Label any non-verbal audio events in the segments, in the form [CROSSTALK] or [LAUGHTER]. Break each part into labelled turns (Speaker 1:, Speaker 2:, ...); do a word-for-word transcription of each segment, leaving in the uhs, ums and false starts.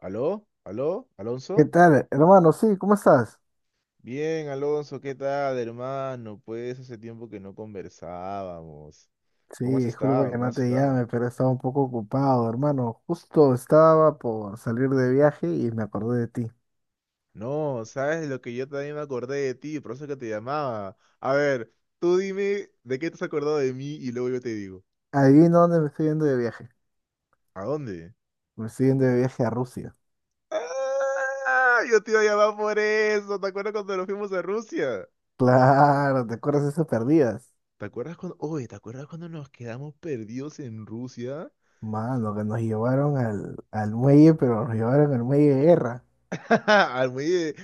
Speaker 1: ¿Aló? ¿Aló?
Speaker 2: ¿Qué
Speaker 1: ¿Alonso?
Speaker 2: tal, hermano? Sí, ¿cómo estás?
Speaker 1: Bien, Alonso, ¿qué tal, hermano? Pues hace tiempo que no conversábamos.
Speaker 2: Sí,
Speaker 1: ¿Cómo has
Speaker 2: disculpa
Speaker 1: estado?
Speaker 2: que
Speaker 1: ¿Cómo
Speaker 2: no
Speaker 1: has
Speaker 2: te
Speaker 1: estado?
Speaker 2: llame, pero estaba un poco ocupado, hermano. Justo estaba por salir de viaje y me acordé de ti.
Speaker 1: No, sabes lo que yo también me acordé de ti, por eso que te llamaba. A ver, tú dime de qué te has acordado de mí y luego yo te digo.
Speaker 2: Adivina dónde me estoy yendo de viaje.
Speaker 1: ¿A dónde?
Speaker 2: Me estoy yendo de viaje a Rusia. [LAUGHS]
Speaker 1: ¡Ah! Yo te iba a llamar por eso. ¿Te acuerdas cuando nos fuimos a Rusia?
Speaker 2: Claro, ¿te acuerdas de esas perdidas?
Speaker 1: ¿Te acuerdas cuando, oye, ¿te acuerdas cuando nos quedamos perdidos en Rusia?
Speaker 2: Mano, que nos llevaron al, al muelle, pero nos llevaron al muelle de guerra.
Speaker 1: [LAUGHS] Al muelle.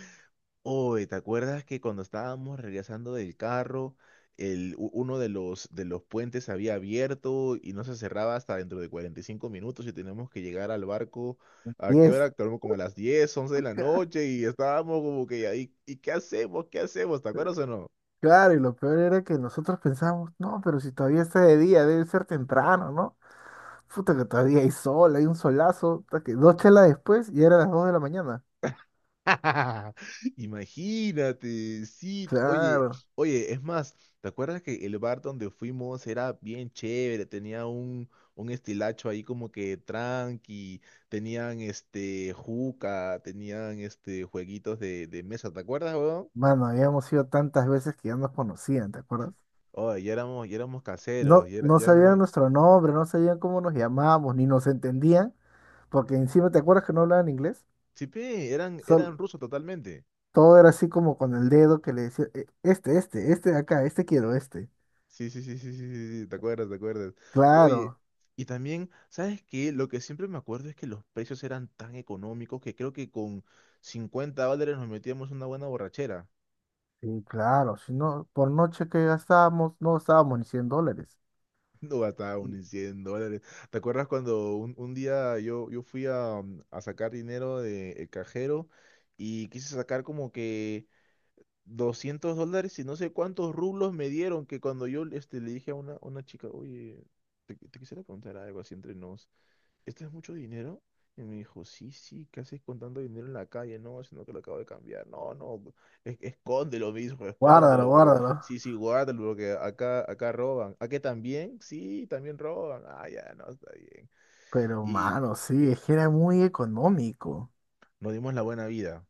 Speaker 1: Oye, ¿te acuerdas que cuando estábamos regresando del carro, el, u- uno de los, de los puentes había abierto y no se cerraba hasta dentro de cuarenta y cinco minutos y teníamos que llegar al barco a
Speaker 2: Y
Speaker 1: qué
Speaker 2: es.
Speaker 1: hora? Como, como a las diez, once de la
Speaker 2: [LAUGHS]
Speaker 1: noche y estábamos como que ahí, ¿y qué hacemos? ¿Qué hacemos? ¿Te acuerdas o no?
Speaker 2: Claro, y lo peor era que nosotros pensábamos, no, pero si todavía está de día, debe ser temprano, ¿no? Puta que todavía hay sol, hay un solazo, puta que dos chelas después y era las dos de la mañana.
Speaker 1: [LAUGHS] Imagínate, sí. Oye,
Speaker 2: Claro.
Speaker 1: oye, es más, ¿te acuerdas que el bar donde fuimos era bien chévere? Tenía un, un estilacho ahí como que tranqui, tenían este juca, tenían este jueguitos de, de mesa, ¿te acuerdas, weón?
Speaker 2: Mano, habíamos ido tantas veces que ya nos conocían, ¿te acuerdas?
Speaker 1: Oye, ya éramos, ya éramos caseros,
Speaker 2: No,
Speaker 1: ya, era-
Speaker 2: no
Speaker 1: ya éramos.
Speaker 2: sabían nuestro nombre, no sabían cómo nos llamábamos, ni nos entendían, porque encima, ¿te acuerdas que no hablaban inglés?
Speaker 1: Sí, pe, eran, eran
Speaker 2: Sol-
Speaker 1: rusos totalmente.
Speaker 2: Todo era así como con el dedo que le decía: "Eh, este, este, este de acá, este quiero, este".
Speaker 1: Sí, sí, sí, sí, sí, sí, sí, te acuerdas, te acuerdas. Oye,
Speaker 2: Claro.
Speaker 1: y también, ¿sabes qué? Lo que siempre me acuerdo es que los precios eran tan económicos que creo que con cincuenta dólares nos metíamos una buena borrachera. [LAUGHS]
Speaker 2: Sí, claro, si no, por noche que gastábamos, no gastábamos ni cien dólares.
Speaker 1: No gastaba ni cien dólares. ¿Te acuerdas cuando un, un día yo, yo fui a, um, a sacar dinero del cajero y quise sacar como que doscientos dólares y no sé cuántos rublos me dieron que cuando yo este, le dije a una, una chica, oye, te, te quisiera preguntar algo así entre nos. ¿Esto es mucho dinero? Y me dijo, sí, sí, ¿qué haces con tanto dinero en la calle? No, sino que lo acabo de cambiar. No, no, es- escóndelo, mismo,
Speaker 2: Guárdalo,
Speaker 1: escóndelo. Porque.
Speaker 2: guárdalo.
Speaker 1: Sí, sí, guárdalo, porque acá, acá roban. ¿A qué también? Sí, también roban. Ah, ya, no, está bien.
Speaker 2: Pero,
Speaker 1: Y
Speaker 2: mano, sí, es que era muy económico.
Speaker 1: nos dimos la buena vida.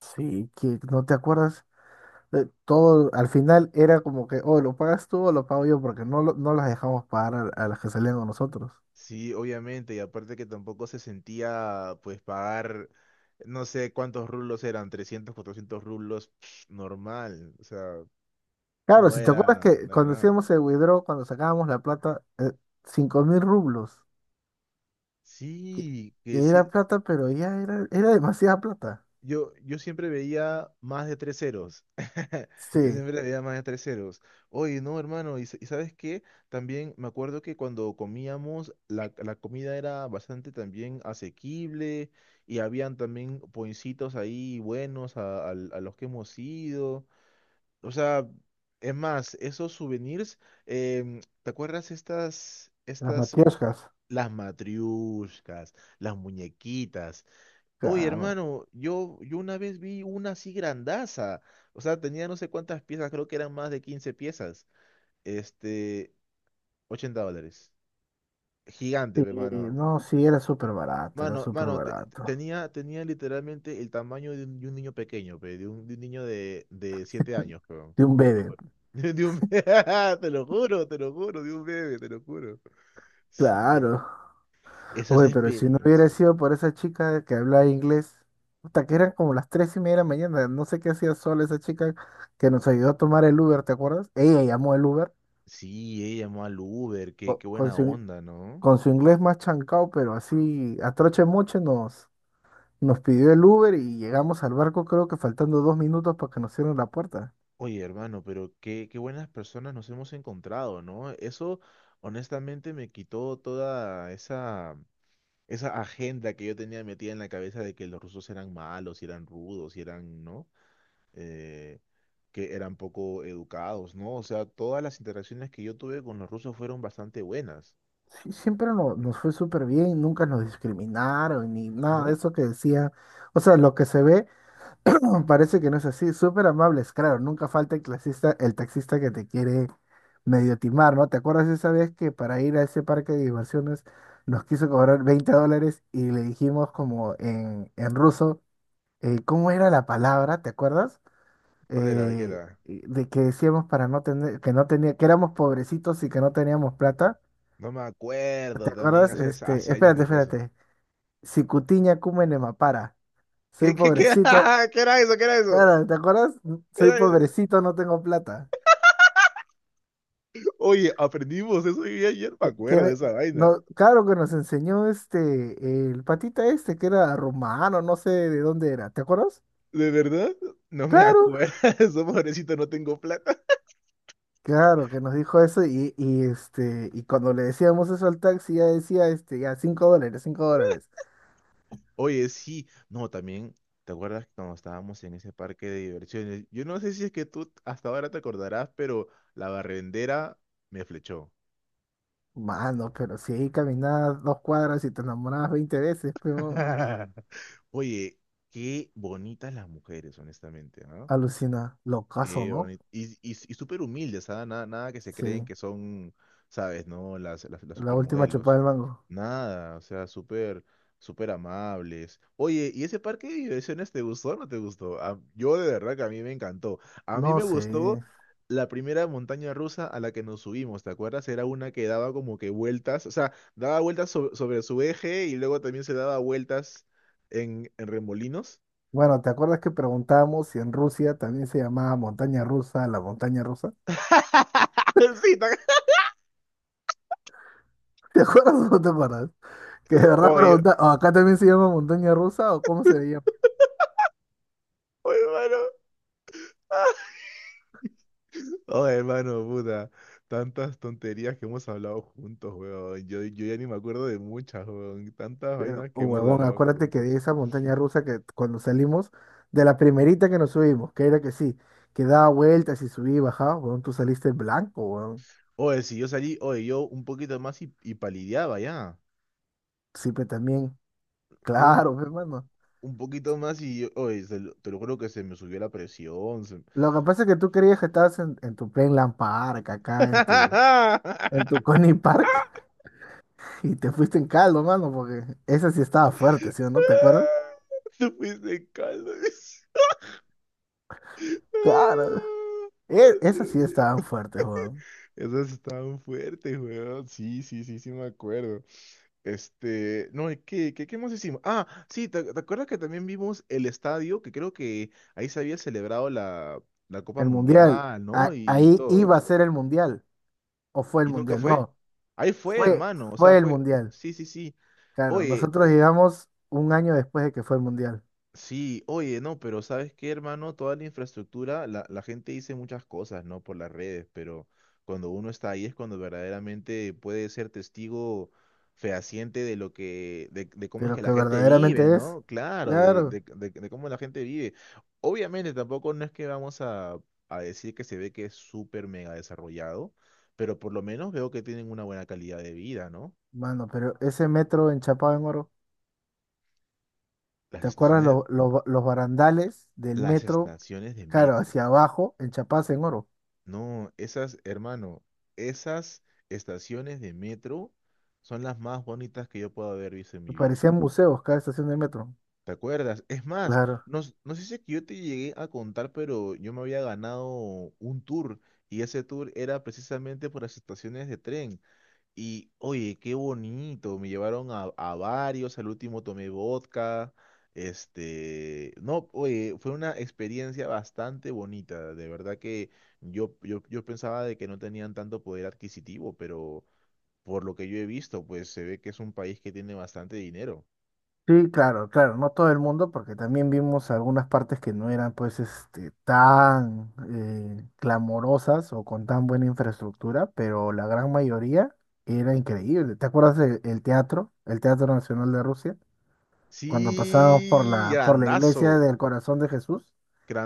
Speaker 2: Sí, que no te acuerdas. Eh, todo, al final era como que o lo pagas tú o lo pago yo, porque no, lo- no las dejamos pagar a, a las que salían con nosotros.
Speaker 1: Sí, obviamente, y aparte que tampoco se sentía, pues, pagar, no sé cuántos rublos eran, trescientos cuatrocientos rublos, psh, normal. O sea,
Speaker 2: Claro,
Speaker 1: no
Speaker 2: si te acuerdas
Speaker 1: era,
Speaker 2: que
Speaker 1: no era
Speaker 2: cuando
Speaker 1: nada.
Speaker 2: hacíamos el withdraw, cuando sacábamos la plata, eh, cinco mil rublos, que,
Speaker 1: Sí,
Speaker 2: que
Speaker 1: que sí.
Speaker 2: era plata, pero ya era, era demasiada plata.
Speaker 1: Yo, yo siempre veía más de tres ceros. [LAUGHS] Yo
Speaker 2: Sí,
Speaker 1: siempre veía más de tres ceros. Oye, no, hermano, y, s- y ¿sabes qué? También me acuerdo que cuando comíamos, la, la comida era bastante también asequible y habían también poincitos ahí buenos a, al- a los que hemos ido. O sea, es más, esos souvenirs, em, ¿te acuerdas estas,
Speaker 2: las
Speaker 1: estas,
Speaker 2: matrioshkas.
Speaker 1: las matriushkas, las muñequitas? Oye,
Speaker 2: Claro.
Speaker 1: hermano, yo, yo una vez vi una así grandaza. O sea, tenía no sé cuántas piezas, creo que eran más de quince piezas. Este, ochenta dólares. Gigante,
Speaker 2: Sí,
Speaker 1: pe, mano.
Speaker 2: no, sí, era súper barato, era
Speaker 1: Mano,
Speaker 2: súper
Speaker 1: mano, te- te-
Speaker 2: barato.
Speaker 1: tenía, tenía literalmente el tamaño de un, de un niño pequeño, pe, de un, de un niño de, de siete años, peón.
Speaker 2: De un
Speaker 1: Te lo
Speaker 2: bebé,
Speaker 1: juro. [LAUGHS] De un- [LAUGHS] Te lo juro, te lo juro, de un bebé, te lo juro. Sí, era-
Speaker 2: claro.
Speaker 1: esas
Speaker 2: Oye, pero si no hubiera
Speaker 1: experiencias.
Speaker 2: sido por esa chica que hablaba inglés, hasta que eran como las tres y media de la mañana, no sé qué hacía sola esa chica que nos ayudó a tomar el Uber, ¿te acuerdas? Ella llamó el Uber
Speaker 1: Sí, ella llamó al Uber, qué,
Speaker 2: co-
Speaker 1: qué
Speaker 2: con
Speaker 1: buena
Speaker 2: su, in-
Speaker 1: onda, ¿no?
Speaker 2: con su inglés más chancado, pero así a troche moche nos, nos pidió el Uber y llegamos al barco creo que faltando dos minutos para que nos cierren la puerta.
Speaker 1: Oye, hermano, pero qué, qué buenas personas nos hemos encontrado, ¿no? Eso honestamente me quitó toda esa, esa agenda que yo tenía metida en la cabeza de que los rusos eran malos, y eran rudos, y eran, ¿no? Eh, que eran poco educados, ¿no? O sea, todas las interacciones que yo tuve con los rusos fueron bastante buenas,
Speaker 2: Sí, siempre no- nos fue súper bien, nunca nos discriminaron ni nada de
Speaker 1: ¿no?
Speaker 2: eso que decía. O sea, lo que se ve [CLEARS THROAT] parece que no es así, súper amables, claro, nunca falta el clasista, el taxista que te quiere medio timar, ¿no? ¿Te acuerdas esa vez que para ir a ese parque de diversiones nos quiso cobrar veinte dólares y le dijimos como en, en ruso, eh, ¿cómo era la palabra? ¿Te acuerdas?
Speaker 1: ¿Cuál era? ¿De qué
Speaker 2: Eh,
Speaker 1: era?
Speaker 2: de que decíamos para no tener, que no tenía, que éramos pobrecitos y que no teníamos plata.
Speaker 1: No me acuerdo,
Speaker 2: ¿Te
Speaker 1: también
Speaker 2: acuerdas?
Speaker 1: hace,
Speaker 2: Este,
Speaker 1: hace años que
Speaker 2: espérate,
Speaker 1: fue eso.
Speaker 2: espérate. Sicutiña cúmene mapara. Soy
Speaker 1: ¿Qué, qué, qué,
Speaker 2: pobrecito.
Speaker 1: [LAUGHS] qué era eso? ¿Qué era eso?
Speaker 2: Claro, ¿te acuerdas?
Speaker 1: ¿Qué
Speaker 2: Soy
Speaker 1: era
Speaker 2: pobrecito, no tengo plata.
Speaker 1: Oye, aprendimos eso y ayer me
Speaker 2: Que,
Speaker 1: acuerdo de
Speaker 2: que-
Speaker 1: esa vaina.
Speaker 2: no, claro que nos enseñó este, el patita este, que era romano, no sé de dónde era. ¿Te acuerdas?
Speaker 1: ¿De verdad? No me
Speaker 2: Claro,
Speaker 1: acuerdo. [LAUGHS] Eso, pobrecito, no tengo plata.
Speaker 2: claro, que nos dijo eso y, y este, y cuando le decíamos eso al taxi, ya decía este, ya cinco dólares, cinco dólares.
Speaker 1: Oye, sí. No, también, ¿te acuerdas cuando estábamos en ese parque de diversiones? Yo no sé si es que tú hasta ahora te acordarás, pero la barrendera me flechó.
Speaker 2: Mano, pero si ahí caminabas dos cuadras y te enamorabas veinte veces, pero
Speaker 1: [LAUGHS] Oye, qué bonitas las mujeres, honestamente, ¿no?
Speaker 2: alucina, locazo,
Speaker 1: Qué
Speaker 2: ¿no?
Speaker 1: bonito. Y, y, y súper humildes, ¿ah? Nada, nada que se
Speaker 2: Sí,
Speaker 1: creen que son, ¿sabes? ¿No? Las, las, las
Speaker 2: la última
Speaker 1: supermodelos.
Speaker 2: chupada del mango.
Speaker 1: Nada, o sea, súper, súper amables. Oye, ¿y ese parque de diversiones te gustó o no te gustó? A- yo de verdad que a mí me encantó. A mí
Speaker 2: No
Speaker 1: me
Speaker 2: sé.
Speaker 1: gustó la primera montaña rusa a la que nos subimos, ¿te acuerdas? Era una que daba como que vueltas, o sea, daba vueltas sobre, sobre su eje y luego también se daba vueltas en, en remolinos.
Speaker 2: Bueno, ¿te acuerdas que preguntamos si en Rusia también se llamaba montaña rusa, la montaña rusa?
Speaker 1: [LAUGHS] Sí. ¿te
Speaker 2: [LAUGHS] ¿Te acuerdas o no te acuerdas? Que de verdad
Speaker 1: Oye,
Speaker 2: pregunta, ¿o acá también se llama montaña rusa o cómo se llama?
Speaker 1: Oye, hermano. [LAUGHS] Oh, hermano, puta. Tantas tonterías que hemos hablado juntos, weón. Yo, yo ya ni me acuerdo de muchas, weón. Tantas
Speaker 2: Pero,
Speaker 1: vainas que
Speaker 2: oh,
Speaker 1: hemos
Speaker 2: huevón,
Speaker 1: hablado
Speaker 2: acuérdate que
Speaker 1: juntos.
Speaker 2: de esa montaña rusa que cuando salimos, de la primerita que nos subimos, que era que sí, que daba vueltas y subía y bajaba, huevón, tú saliste blanco, huevón.
Speaker 1: Oye, si yo salí, oye, yo un poquito más y, y palideaba ya.
Speaker 2: Sí, pero también,
Speaker 1: Un,
Speaker 2: claro, hermano.
Speaker 1: un poquito más y yo, oye, se lo- te lo juro que se me subió la presión. se-
Speaker 2: Lo que pasa es que tú creías que estabas en, en tu Plainland Park, acá en tu, en tu
Speaker 1: [LAUGHS]
Speaker 2: Coney Park [LAUGHS] y te fuiste en caldo, mano, porque esa sí estaba fuerte, ¿sí o no? ¿Te acuerdas?
Speaker 1: Tú fuiste caldo. [LAUGHS]
Speaker 2: Claro,
Speaker 1: Ah,
Speaker 2: e- esa
Speaker 1: Dios
Speaker 2: sí
Speaker 1: mío.
Speaker 2: estaban fuertes, Juan.
Speaker 1: Esas estaban fuertes, weón. Sí, sí, sí, sí, me acuerdo. Este, no, ¿y ¿qué, qué, qué más hicimos? Ah, sí, ¿te, te acuerdas que también vimos el estadio? Que creo que ahí se había celebrado la, la Copa
Speaker 2: El mundial,
Speaker 1: Mundial, ¿no?
Speaker 2: a-
Speaker 1: Y
Speaker 2: ahí iba
Speaker 1: todo.
Speaker 2: a ser el mundial, o fue el
Speaker 1: ¿Y nunca
Speaker 2: mundial,
Speaker 1: fue?
Speaker 2: no,
Speaker 1: Ahí fue,
Speaker 2: fue,
Speaker 1: hermano. O sea,
Speaker 2: fue el
Speaker 1: fue.
Speaker 2: mundial.
Speaker 1: Sí, sí, sí.
Speaker 2: Claro,
Speaker 1: Oye.
Speaker 2: nosotros llegamos un año después de que fue el mundial,
Speaker 1: Sí, oye, no, pero ¿sabes qué, hermano? Toda la infraestructura, la, la gente dice muchas cosas, ¿no? Por las redes, pero cuando uno está ahí es cuando verdaderamente puede ser testigo fehaciente de lo que, de, de cómo
Speaker 2: de
Speaker 1: es
Speaker 2: lo
Speaker 1: que la
Speaker 2: que
Speaker 1: gente vive,
Speaker 2: verdaderamente es.
Speaker 1: ¿no? Claro, de,
Speaker 2: Claro,
Speaker 1: de, de- de cómo la gente vive. Obviamente tampoco no es que vamos a, a decir que se ve que es súper mega desarrollado, pero por lo menos veo que tienen una buena calidad de vida, ¿no?
Speaker 2: mano, pero ese metro enchapado en oro,
Speaker 1: Las
Speaker 2: ¿te acuerdas
Speaker 1: estaciones,
Speaker 2: lo- lo- los barandales del
Speaker 1: las
Speaker 2: metro?
Speaker 1: estaciones de
Speaker 2: Claro,
Speaker 1: metro.
Speaker 2: hacia abajo, enchapados en oro.
Speaker 1: No, esas, hermano, esas estaciones de metro son las más bonitas que yo puedo haber visto en mi vida.
Speaker 2: Parecían museos cada estación de metro.
Speaker 1: ¿Te acuerdas? Es más,
Speaker 2: Claro.
Speaker 1: no, s- no sé si es que yo te llegué a contar, pero yo me había ganado un tour y ese tour era precisamente por las estaciones de tren. Y oye, qué bonito, me llevaron a, a varios, al último tomé vodka, este, no, oye, fue una experiencia bastante bonita, de verdad que yo, yo, yo pensaba de que no tenían tanto poder adquisitivo, pero por lo que yo he visto, pues se ve que es un país que tiene bastante dinero.
Speaker 2: Sí, claro, claro. No todo el mundo, porque también vimos algunas partes que no eran pues este tan eh, clamorosas o con tan buena infraestructura, pero la gran mayoría era increíble. ¿Te acuerdas del el teatro, el Teatro Nacional de Rusia? Cuando pasábamos por
Speaker 1: Sí,
Speaker 2: la, por la iglesia
Speaker 1: grandazo,
Speaker 2: del Corazón de Jesús,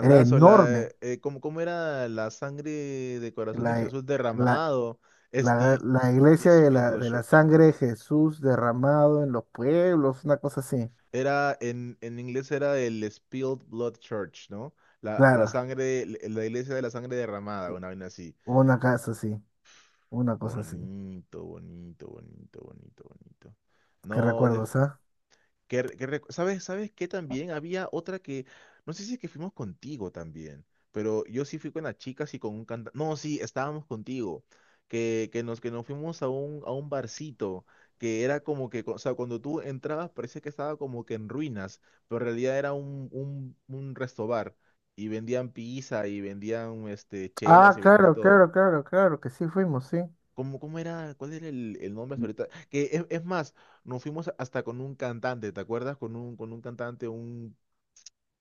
Speaker 2: era
Speaker 1: la,
Speaker 2: enorme.
Speaker 1: eh, eh, ¿cómo, cómo era la sangre de corazón de
Speaker 2: La,
Speaker 1: Jesús
Speaker 2: la,
Speaker 1: derramado?
Speaker 2: la,
Speaker 1: Esti,
Speaker 2: la iglesia de
Speaker 1: Spill
Speaker 2: la,
Speaker 1: Blood
Speaker 2: de la
Speaker 1: Church.
Speaker 2: sangre de Jesús derramado en los pueblos, una cosa así.
Speaker 1: Era, en, en inglés era el Spilled Blood Church, ¿no? La, la
Speaker 2: Claro,
Speaker 1: sangre, la iglesia de la sangre derramada, una vaina así.
Speaker 2: una casa así, una cosa así.
Speaker 1: Bonito, bonito, bonito, bonito, bonito.
Speaker 2: ¿Qué
Speaker 1: No,
Speaker 2: recuerdos, ah?
Speaker 1: que, re- que re- ¿sabes, sabes que también había otra que, no sé si es que fuimos contigo también, pero yo sí fui con las chicas y con un cantante? No, sí, estábamos contigo. Que, que nos, que nos fuimos a un, a un barcito, que era como que, o sea, cuando tú entrabas parecía que estaba como que en ruinas, pero en realidad era un, un, un resto bar, y vendían pizza y vendían este,
Speaker 2: Ah,
Speaker 1: chelas y vendían de
Speaker 2: claro,
Speaker 1: todo.
Speaker 2: claro, claro, claro, que sí fuimos, sí.
Speaker 1: ¿Cómo, cómo era? ¿Cuál era el, el nombre hasta ahorita? Que es, es más, nos fuimos hasta con un cantante, ¿te acuerdas? Con un, con un cantante, un,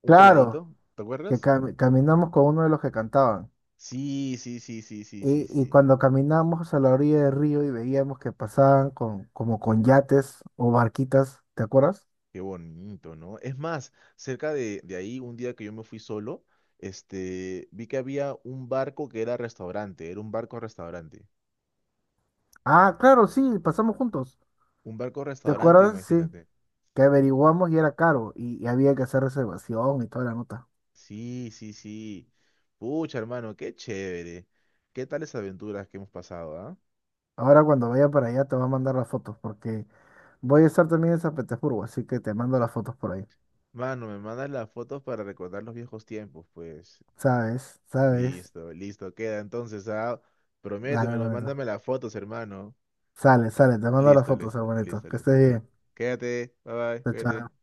Speaker 1: un
Speaker 2: Claro,
Speaker 1: peladito, ¿te
Speaker 2: que
Speaker 1: acuerdas?
Speaker 2: cami- caminamos con uno de los que cantaban.
Speaker 1: Sí, sí, sí, sí, sí, sí,
Speaker 2: Y, y
Speaker 1: sí.
Speaker 2: cuando caminamos a la orilla del río y veíamos que pasaban con, como con yates o barquitas, ¿te acuerdas?
Speaker 1: Qué bonito, ¿no? Es más, cerca de, de ahí, un día que yo me fui solo, este, vi que había un barco que era restaurante, era un barco restaurante.
Speaker 2: Ah, claro, sí, pasamos juntos.
Speaker 1: Un barco
Speaker 2: ¿Te
Speaker 1: restaurante,
Speaker 2: acuerdas? Sí,
Speaker 1: imagínate.
Speaker 2: que averiguamos y era caro y, y había que hacer reservación y toda la nota.
Speaker 1: Sí, sí, sí. Pucha, hermano, qué chévere. ¿Qué tales aventuras que hemos pasado, ah?
Speaker 2: Ahora cuando vaya para allá te voy a mandar las fotos porque voy a estar también en San Petersburgo, así que te mando las fotos por ahí.
Speaker 1: Mano, me mandas las fotos para recordar los viejos tiempos, pues.
Speaker 2: ¿Sabes? ¿Sabes?
Speaker 1: Listo, listo, queda entonces, ah.
Speaker 2: Dale,
Speaker 1: Prométemelo,
Speaker 2: hermanito.
Speaker 1: mándame las fotos, hermano.
Speaker 2: Sale, sale, te mando las
Speaker 1: Listo,
Speaker 2: fotos,
Speaker 1: listo,
Speaker 2: hermanito.
Speaker 1: listo,
Speaker 2: Que
Speaker 1: listo,
Speaker 2: estés
Speaker 1: listo.
Speaker 2: bien.
Speaker 1: Quédate, bye bye,
Speaker 2: Chao,
Speaker 1: cuídate.
Speaker 2: chao.